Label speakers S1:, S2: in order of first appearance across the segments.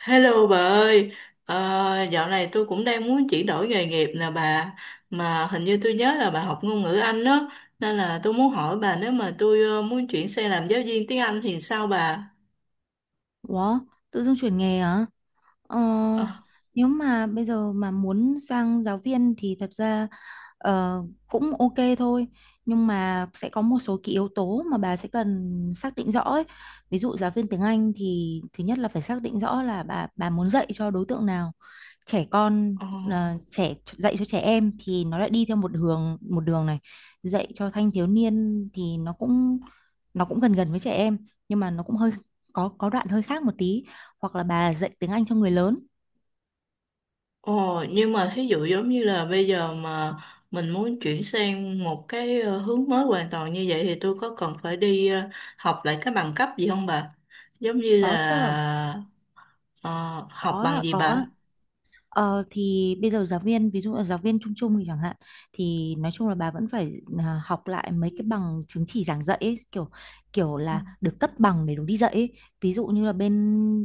S1: Hello bà ơi, Ờ, dạo này tôi cũng đang muốn chuyển đổi nghề nghiệp nè bà, mà hình như tôi nhớ là bà học ngôn ngữ Anh đó, nên là tôi muốn hỏi bà nếu mà tôi muốn chuyển sang làm giáo viên tiếng Anh thì sao bà?
S2: Ủa, tự dưng chuyển nghề hả? Ờ,
S1: Ờ.
S2: nếu mà bây giờ mà muốn sang giáo viên thì thật ra ờ, cũng ok thôi. Nhưng mà sẽ có một số cái yếu tố mà bà sẽ cần xác định rõ ấy. Ví dụ giáo viên tiếng Anh thì thứ nhất là phải xác định rõ là bà muốn dạy cho đối tượng nào, trẻ con
S1: Ờ.
S2: à, trẻ dạy cho trẻ em thì nó lại đi theo một hướng một đường này, dạy cho thanh thiếu niên thì nó cũng gần gần với trẻ em, nhưng mà nó cũng hơi có đoạn hơi khác một tí, hoặc là bà dạy tiếng Anh cho người lớn.
S1: Ờ. Nhưng mà thí dụ giống như là bây giờ mà mình muốn chuyển sang một cái hướng mới hoàn toàn như vậy thì tôi có cần phải đi học lại cái bằng cấp gì không bà? Giống như
S2: Có chứ.
S1: là ờ, học bằng
S2: có
S1: gì
S2: có
S1: bà?
S2: Ờ, thì bây giờ giáo viên, ví dụ là giáo viên chung chung thì chẳng hạn, thì nói chung là bà vẫn phải học lại mấy cái bằng chứng chỉ giảng dạy ấy, kiểu kiểu là được cấp bằng để đúng đi dạy ấy. Ví dụ như là bên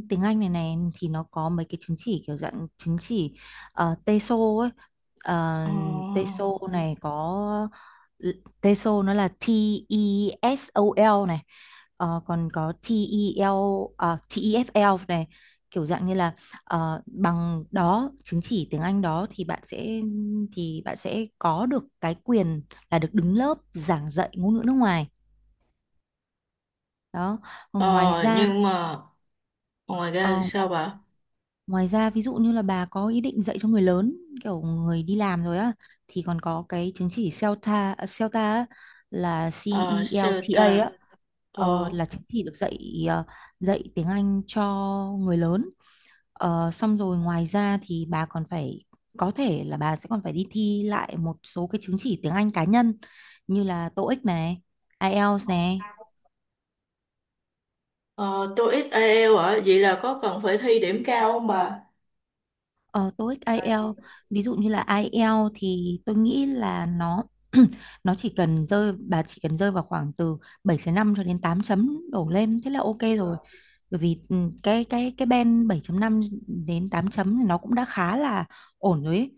S2: tiếng Anh này này thì nó có mấy cái chứng chỉ kiểu dạng chứng chỉ TESOL ấy. Ờ,
S1: Ờ.
S2: TESOL này có, TESOL nó là T E S O L này. Ờ, còn có T E TEL à, TEFL này, kiểu dạng như là, ờ, bằng đó chứng chỉ tiếng Anh đó thì bạn sẽ có được cái quyền là được đứng lớp giảng dạy ngôn ngữ nước ngoài đó. Còn ngoài
S1: Ờ,
S2: ra,
S1: nhưng mà ngoài ra
S2: ờ,
S1: sao bà?
S2: ngoài ra ví dụ như là bà có ý định dạy cho người lớn, kiểu người đi làm rồi á, thì còn có cái chứng chỉ CELTA à,
S1: Ờ, sao
S2: CELTA
S1: ta?
S2: á, là CELTA á,
S1: Ờ,
S2: là chứng chỉ được dạy, ờ, dạy tiếng Anh cho người lớn. Ờ, xong rồi ngoài ra thì bà còn phải có thể là bà sẽ còn phải đi thi lại một số cái chứng chỉ tiếng Anh cá nhân như là TOEIC này, IELTS này,
S1: ờ, tôi ít IELTS ạ, vậy là có cần phải thi điểm cao không bà?
S2: ờ, TOEIC, IELTS. Ví dụ như là IELTS thì tôi nghĩ là nó nó chỉ cần rơi vào khoảng từ 7 năm cho đến 8 chấm đổ lên thế là ok rồi. Bởi vì cái band bảy chấm năm đến 8 chấm thì nó cũng đã khá là ổn rồi ấy.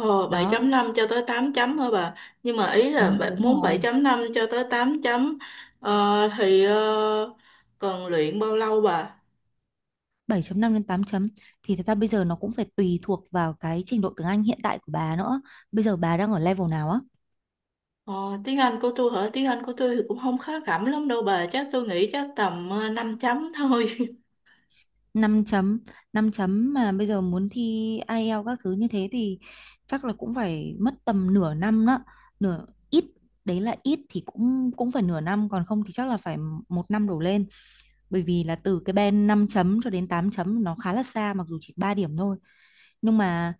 S1: Ờ, bảy
S2: Đó,
S1: chấm năm cho tới tám chấm hả bà? Nhưng mà ý
S2: ừ,
S1: là
S2: đúng
S1: muốn bảy
S2: rồi.
S1: chấm năm cho tới 8 chấm, ờ, thì cần luyện bao lâu bà?
S2: Bảy chấm năm đến 8 chấm thì thật ra bây giờ nó cũng phải tùy thuộc vào cái trình độ tiếng Anh hiện tại của bà nữa. Bây giờ bà đang ở level nào á?
S1: Ờ, tiếng Anh của tôi hả? Tiếng Anh của tôi thì cũng không khá khẩm lắm đâu bà. Chắc tôi nghĩ chắc tầm 5 chấm thôi.
S2: Năm chấm, 5 chấm mà bây giờ muốn thi IELTS các thứ như thế thì chắc là cũng phải mất tầm nửa năm đó. Nửa ít, đấy là ít thì cũng cũng phải nửa năm, còn không thì chắc là phải một năm đổ lên. Bởi vì là từ cái band 5 chấm cho đến 8 chấm nó khá là xa, mặc dù chỉ 3 điểm thôi. Nhưng mà,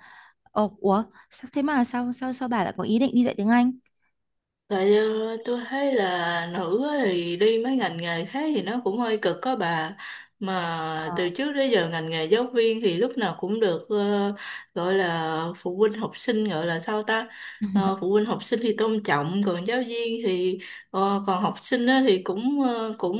S2: ồ, ủa, sao thế mà sao sao sao bà lại có ý định đi dạy tiếng Anh?
S1: Tại tôi thấy là nữ á thì đi mấy ngành nghề khác thì nó cũng hơi cực có bà, mà từ
S2: Ờ.
S1: trước đến giờ ngành nghề giáo viên thì lúc nào cũng được gọi là phụ huynh học sinh gọi là sao ta. Ờ, phụ huynh học sinh thì tôn trọng còn giáo viên thì, còn học sinh á thì cũng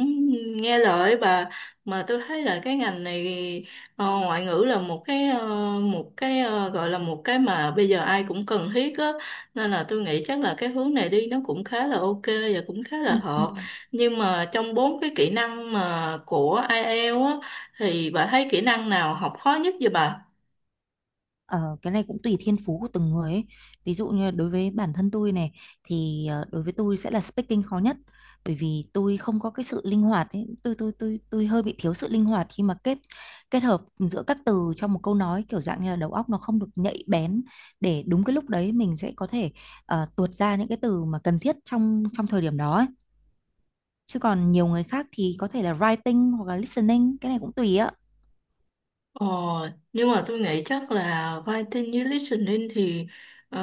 S1: nghe lời bà, mà tôi thấy là cái ngành này, ngoại ngữ là một cái, một cái, gọi là một cái mà bây giờ ai cũng cần thiết á, nên là tôi nghĩ chắc là cái hướng này đi nó cũng khá là ok và cũng khá là hợp.
S2: Ừm.
S1: Nhưng mà trong bốn cái kỹ năng mà của IELTS á, thì bà thấy kỹ năng nào học khó nhất vậy bà?
S2: Ờ, cái này cũng tùy thiên phú của từng người ấy. Ví dụ như đối với bản thân tôi này, thì đối với tôi sẽ là speaking khó nhất, bởi vì tôi không có cái sự linh hoạt ấy. Tôi hơi bị thiếu sự linh hoạt khi mà kết kết hợp giữa các từ trong một câu nói, kiểu dạng như là đầu óc nó không được nhạy bén để đúng cái lúc đấy mình sẽ có thể, ờ, tuột ra những cái từ mà cần thiết trong trong thời điểm đó ấy. Chứ còn nhiều người khác thì có thể là writing hoặc là listening, cái này cũng tùy á.
S1: Ờ, nhưng mà tôi nghĩ chắc là writing với listening thì, ờ,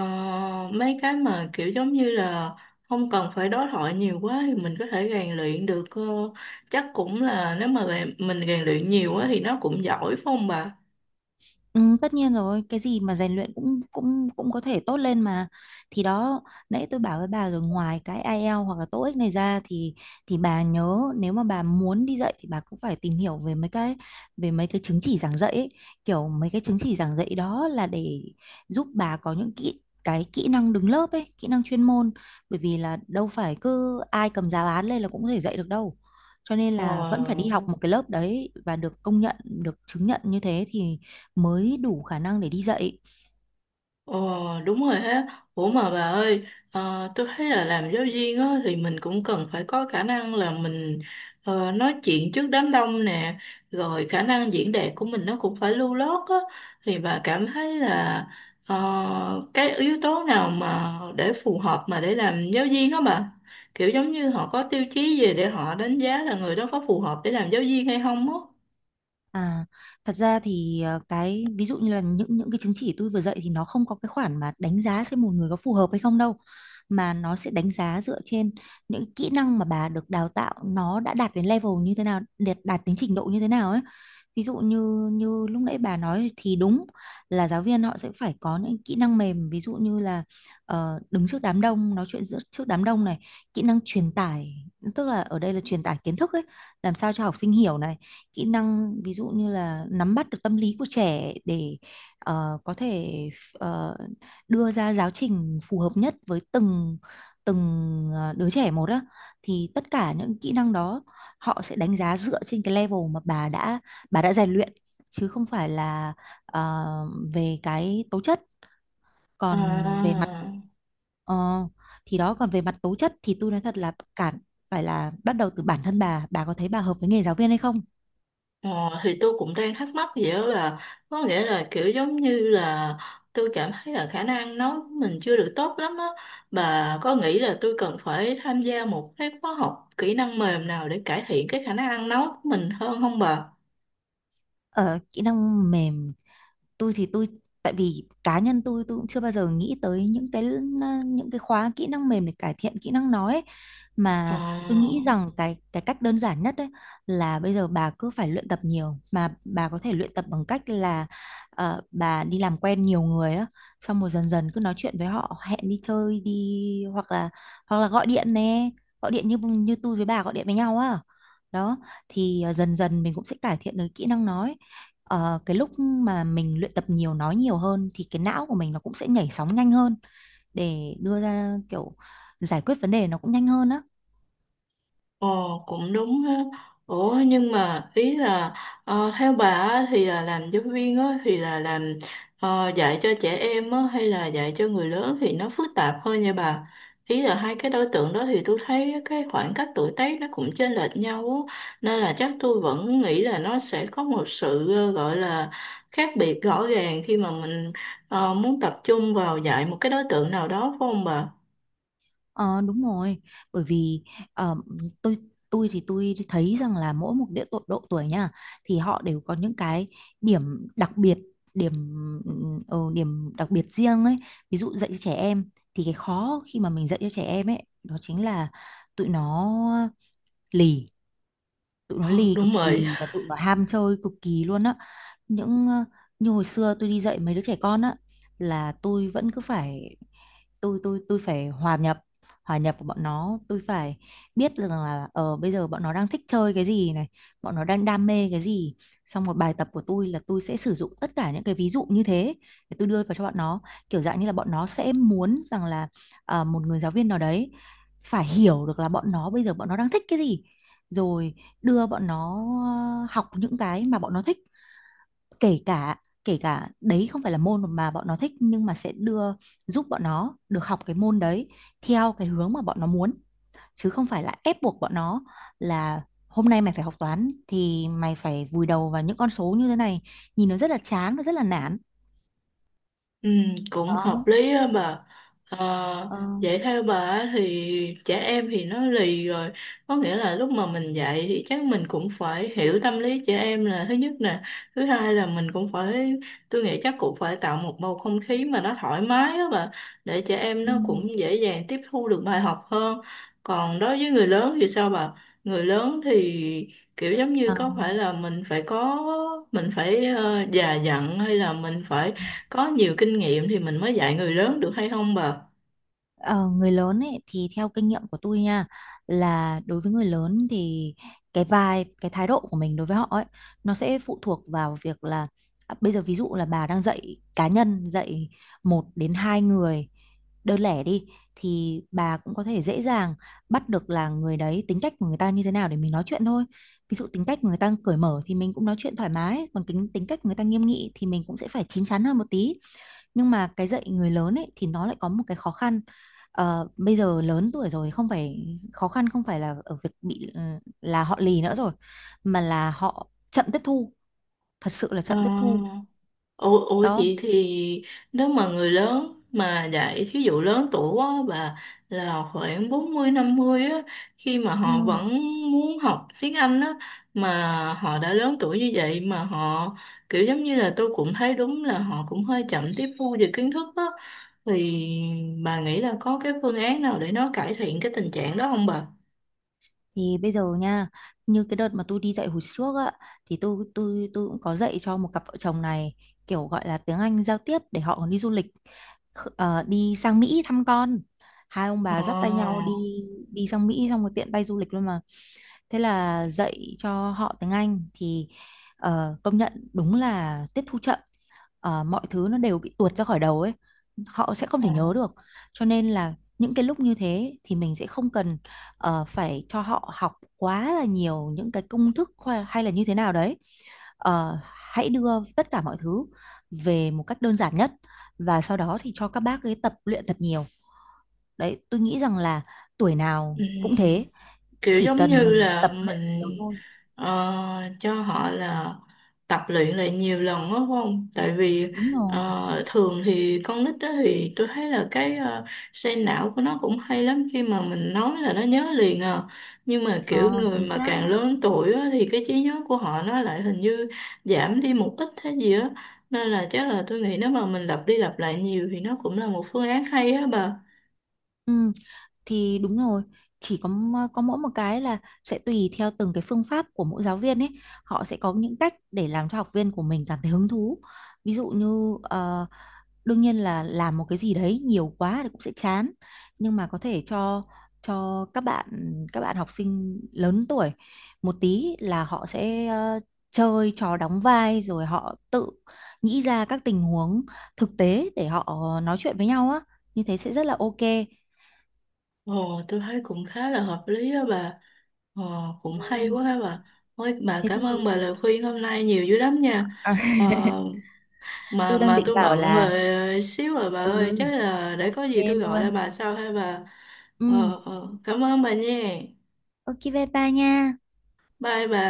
S1: mấy cái mà kiểu giống như là không cần phải đối thoại nhiều quá thì mình có thể rèn luyện được. Ờ, Chắc cũng là nếu mà mình rèn luyện nhiều á thì nó cũng giỏi phải không bà?
S2: Ừ, tất nhiên rồi, cái gì mà rèn luyện cũng cũng cũng có thể tốt lên mà. Thì đó, nãy tôi bảo với bà rồi, ngoài cái IELTS hoặc là TOEIC này ra thì bà nhớ nếu mà bà muốn đi dạy thì bà cũng phải tìm hiểu về mấy cái chứng chỉ giảng dạy ấy. Kiểu mấy cái chứng chỉ giảng dạy đó là để giúp bà có những cái kỹ năng đứng lớp ấy, kỹ năng chuyên môn, bởi vì là đâu phải cứ ai cầm giáo án lên là cũng có thể dạy được đâu. Cho nên
S1: Ờ.
S2: là vẫn phải đi học một cái lớp đấy và được công nhận, được chứng nhận như thế thì mới đủ khả năng để đi dạy.
S1: Ờ, đúng rồi ha. Ủa mà bà ơi, tôi thấy là làm giáo viên á, thì mình cũng cần phải có khả năng là mình nói chuyện trước đám đông nè, rồi khả năng diễn đạt của mình nó cũng phải lưu loát á. Thì bà cảm thấy là cái yếu tố nào mà để phù hợp mà để làm giáo viên á bà? Kiểu giống như họ có tiêu chí gì để họ đánh giá là người đó có phù hợp để làm giáo viên hay không á?
S2: À, thật ra thì, ờ, cái ví dụ như là những cái chứng chỉ tôi vừa dạy thì nó không có cái khoản mà đánh giá xem một người có phù hợp hay không đâu, mà nó sẽ đánh giá dựa trên những kỹ năng mà bà được đào tạo nó đã đạt đến level như thế nào, đạt đạt đến trình độ như thế nào ấy. Ví dụ như như lúc nãy bà nói thì đúng là giáo viên họ sẽ phải có những kỹ năng mềm, ví dụ như là, ờ, đứng trước đám đông nói chuyện giữa trước đám đông này, kỹ năng truyền tải, tức là ở đây là truyền tải kiến thức ấy, làm sao cho học sinh hiểu này, kỹ năng ví dụ như là nắm bắt được tâm lý của trẻ để, ờ, có thể, ờ, đưa ra giáo trình phù hợp nhất với từng từng, ờ, đứa trẻ một á. Thì tất cả những kỹ năng đó họ sẽ đánh giá dựa trên cái level mà bà đã rèn luyện, chứ không phải là, ờ, về cái tố chất. Còn về mặt,
S1: À.
S2: ờ, thì đó, còn về mặt tố chất thì tôi nói thật là cản phải là bắt đầu từ bản thân bà có thấy bà hợp với nghề giáo viên hay không.
S1: Ờ, thì tôi cũng đang thắc mắc vậy đó là, có nghĩa là kiểu giống như là tôi cảm thấy là khả năng nói của mình chưa được tốt lắm á, bà có nghĩ là tôi cần phải tham gia một cái khóa học kỹ năng mềm nào để cải thiện cái khả năng nói của mình hơn không bà?
S2: Ở kỹ năng mềm, tôi tại vì cá nhân tôi cũng chưa bao giờ nghĩ tới những cái khóa kỹ năng mềm để cải thiện kỹ năng nói ấy.
S1: Ờ.
S2: Mà tôi nghĩ rằng cái cách đơn giản nhất ấy là bây giờ bà cứ phải luyện tập nhiều, mà bà có thể luyện tập bằng cách là, ờ, bà đi làm quen nhiều người á, xong rồi dần dần cứ nói chuyện với họ, hẹn đi chơi đi, hoặc là gọi điện nè, gọi điện như như tôi với bà gọi điện với nhau á, đó thì, ờ, dần dần mình cũng sẽ cải thiện được kỹ năng nói. Ờ, cái lúc mà mình luyện tập nhiều, nói nhiều hơn, thì cái não của mình nó cũng sẽ nhảy sóng nhanh hơn để đưa ra kiểu giải quyết vấn đề nó cũng nhanh hơn á.
S1: Ồ, cũng đúng ha. Ủa nhưng mà ý là theo bà á, thì là làm giáo viên á, thì là làm dạy cho trẻ em á, hay là dạy cho người lớn thì nó phức tạp hơn nha bà. Ý là hai cái đối tượng đó thì tôi thấy cái khoảng cách tuổi tác nó cũng chênh lệch nhau á. Nên là chắc tôi vẫn nghĩ là nó sẽ có một sự, gọi là khác biệt rõ ràng khi mà mình muốn tập trung vào dạy một cái đối tượng nào đó phải không bà?
S2: Ờ, đúng rồi, bởi vì, ờ, tôi tôi thấy rằng là mỗi một địa độ, độ tuổi nha, thì họ đều có những cái điểm đặc biệt, điểm, ờ, điểm đặc biệt riêng ấy. Ví dụ dạy cho trẻ em thì cái khó khi mà mình dạy cho trẻ em ấy đó chính là tụi nó lì, tụi nó
S1: Ờ,
S2: lì
S1: đúng
S2: cực
S1: rồi.
S2: kỳ và tụi nó ham chơi cực kỳ luôn á. Những, ờ, như hồi xưa tôi đi dạy mấy đứa trẻ con á, là tôi vẫn cứ phải, tôi phải hòa nhập, hòa nhập của bọn nó, tôi phải biết rằng là ờ bây giờ bọn nó đang thích chơi cái gì này, bọn nó đang đam mê cái gì, xong một bài tập của tôi là tôi sẽ sử dụng tất cả những cái ví dụ như thế để tôi đưa vào cho bọn nó, kiểu dạng như là bọn nó sẽ muốn rằng là, ờ, một người giáo viên nào đấy phải hiểu được là bọn nó bây giờ bọn nó đang thích cái gì, rồi đưa bọn nó, ờ, học những cái mà bọn nó thích, kể cả kể cả đấy không phải là môn mà bọn nó thích, nhưng mà sẽ đưa, giúp bọn nó được học cái môn đấy theo cái hướng mà bọn nó muốn, chứ không phải là ép buộc bọn nó là hôm nay mày phải học toán thì mày phải vùi đầu vào những con số như thế này, nhìn nó rất là chán và rất là nản.
S1: Ừ, cũng hợp
S2: Đó.
S1: lý á mà. Ờ,
S2: Ờ.
S1: dạy theo bà á thì trẻ em thì nó lì rồi, có nghĩa là lúc mà mình dạy thì chắc mình cũng phải hiểu tâm lý trẻ em là thứ nhất nè, thứ hai là mình cũng phải, tôi nghĩ chắc cũng phải tạo một bầu không khí mà nó thoải mái á bà, để trẻ em nó cũng dễ dàng tiếp thu được bài học hơn. Còn đối với người lớn thì sao bà? Người lớn thì kiểu giống như
S2: Ừ.
S1: có phải là mình phải có, mình phải già dặn, hay là mình phải có nhiều kinh nghiệm thì mình mới dạy người lớn được hay không bà?
S2: Ờ, người lớn ấy thì theo kinh nghiệm của tôi nha, là đối với người lớn thì cái vibe, cái thái độ của mình đối với họ ấy, nó sẽ phụ thuộc vào việc là, à, bây giờ ví dụ là bà đang dạy cá nhân, dạy một đến hai người đơn lẻ đi, thì bà cũng có thể dễ dàng bắt được là người đấy tính cách của người ta như thế nào để mình nói chuyện thôi. Ví dụ tính cách của người ta cởi mở thì mình cũng nói chuyện thoải mái, còn tính tính cách của người ta nghiêm nghị thì mình cũng sẽ phải chín chắn hơn một tí. Nhưng mà cái dạy người lớn ấy thì nó lại có một cái khó khăn. Ờ, bây giờ lớn tuổi rồi, không phải khó khăn không phải là ở việc bị là họ lì nữa rồi, mà là họ chậm tiếp thu, thật sự là
S1: Ờ.
S2: chậm tiếp thu.
S1: Ủa, ủa
S2: Đó.
S1: vậy thì nếu mà người lớn mà dạy thí dụ lớn tuổi á bà, là khoảng 40 50 á, khi mà
S2: Ừ.
S1: họ vẫn muốn học tiếng Anh á, mà họ đã lớn tuổi như vậy mà họ kiểu giống như là tôi cũng thấy đúng là họ cũng hơi chậm tiếp thu về kiến thức á, thì bà nghĩ là có cái phương án nào để nó cải thiện cái tình trạng đó không bà?
S2: Thì bây giờ nha, như cái đợt mà tôi đi dạy hồi trước á, thì tôi cũng có dạy cho một cặp vợ chồng này, kiểu gọi là tiếng Anh giao tiếp để họ còn đi du lịch, đi sang Mỹ thăm con. Hai ông bà dắt tay nhau
S1: Ờ.
S2: đi, đi sang Mỹ xong rồi tiện tay du lịch luôn mà. Thế là dạy cho họ tiếng Anh thì, ờ, công nhận đúng là tiếp thu chậm. Ờ, mọi thứ nó đều bị tuột ra khỏi đầu ấy, họ sẽ không
S1: Ờ,
S2: thể nhớ
S1: ờ.
S2: được. Cho nên là những cái lúc như thế thì mình sẽ không cần, ờ, phải cho họ học quá là nhiều những cái công thức hay là như thế nào đấy. Ờ, hãy đưa tất cả mọi thứ về một cách đơn giản nhất và sau đó thì cho các bác ấy tập luyện thật nhiều. Đấy tôi nghĩ rằng là tuổi nào
S1: Ừ.
S2: cũng thế,
S1: Kiểu
S2: chỉ
S1: giống như
S2: cần mình
S1: là
S2: tập luyện
S1: mình
S2: nhiều thôi.
S1: ờ, cho họ là tập luyện lại nhiều lần đó phải không? Tại vì
S2: Đúng rồi.
S1: thường thì con nít đó thì tôi thấy là cái, xây não của nó cũng hay lắm khi mà mình nói là nó nhớ liền à. Nhưng mà kiểu
S2: Ờ,
S1: người
S2: chính
S1: mà
S2: xác
S1: càng
S2: á.
S1: lớn tuổi á thì cái trí nhớ của họ nó lại hình như giảm đi một ít hay gì á. Nên là chắc là tôi nghĩ nếu mà mình lặp đi lặp lại nhiều thì nó cũng là một phương án hay á bà.
S2: Ừ, thì đúng rồi, chỉ có có mỗi một cái là sẽ tùy theo từng cái phương pháp của mỗi giáo viên ấy, họ sẽ có những cách để làm cho học viên của mình cảm thấy hứng thú. Ví dụ như, ờ, đương nhiên là làm một cái gì đấy nhiều quá thì cũng sẽ chán, nhưng mà có thể cho cho các bạn các bạn học sinh lớn tuổi một tí là họ sẽ, ờ, chơi trò đóng vai, rồi họ tự nghĩ ra các tình huống thực tế để họ nói chuyện với nhau á, như thế sẽ rất là ok.
S1: Ồ, tôi thấy cũng khá là hợp lý á bà. Ờ, cũng hay
S2: Ừm.
S1: quá ha bà. Ôi, bà
S2: Thế
S1: cảm ơn
S2: thì,
S1: bà lời khuyên hôm nay nhiều dữ lắm nha.
S2: à,
S1: Ờ, mà
S2: tôi đang
S1: mà
S2: định
S1: tôi
S2: bảo
S1: bận
S2: là,
S1: rồi xíu rồi bà
S2: ừ,
S1: ơi, chắc là để
S2: ok
S1: có gì tôi gọi lại
S2: luôn,
S1: bà sau ha bà.
S2: ừ,
S1: Ờ, ờ, cảm ơn bà nha.
S2: ok bye bye nha.
S1: Bye bà.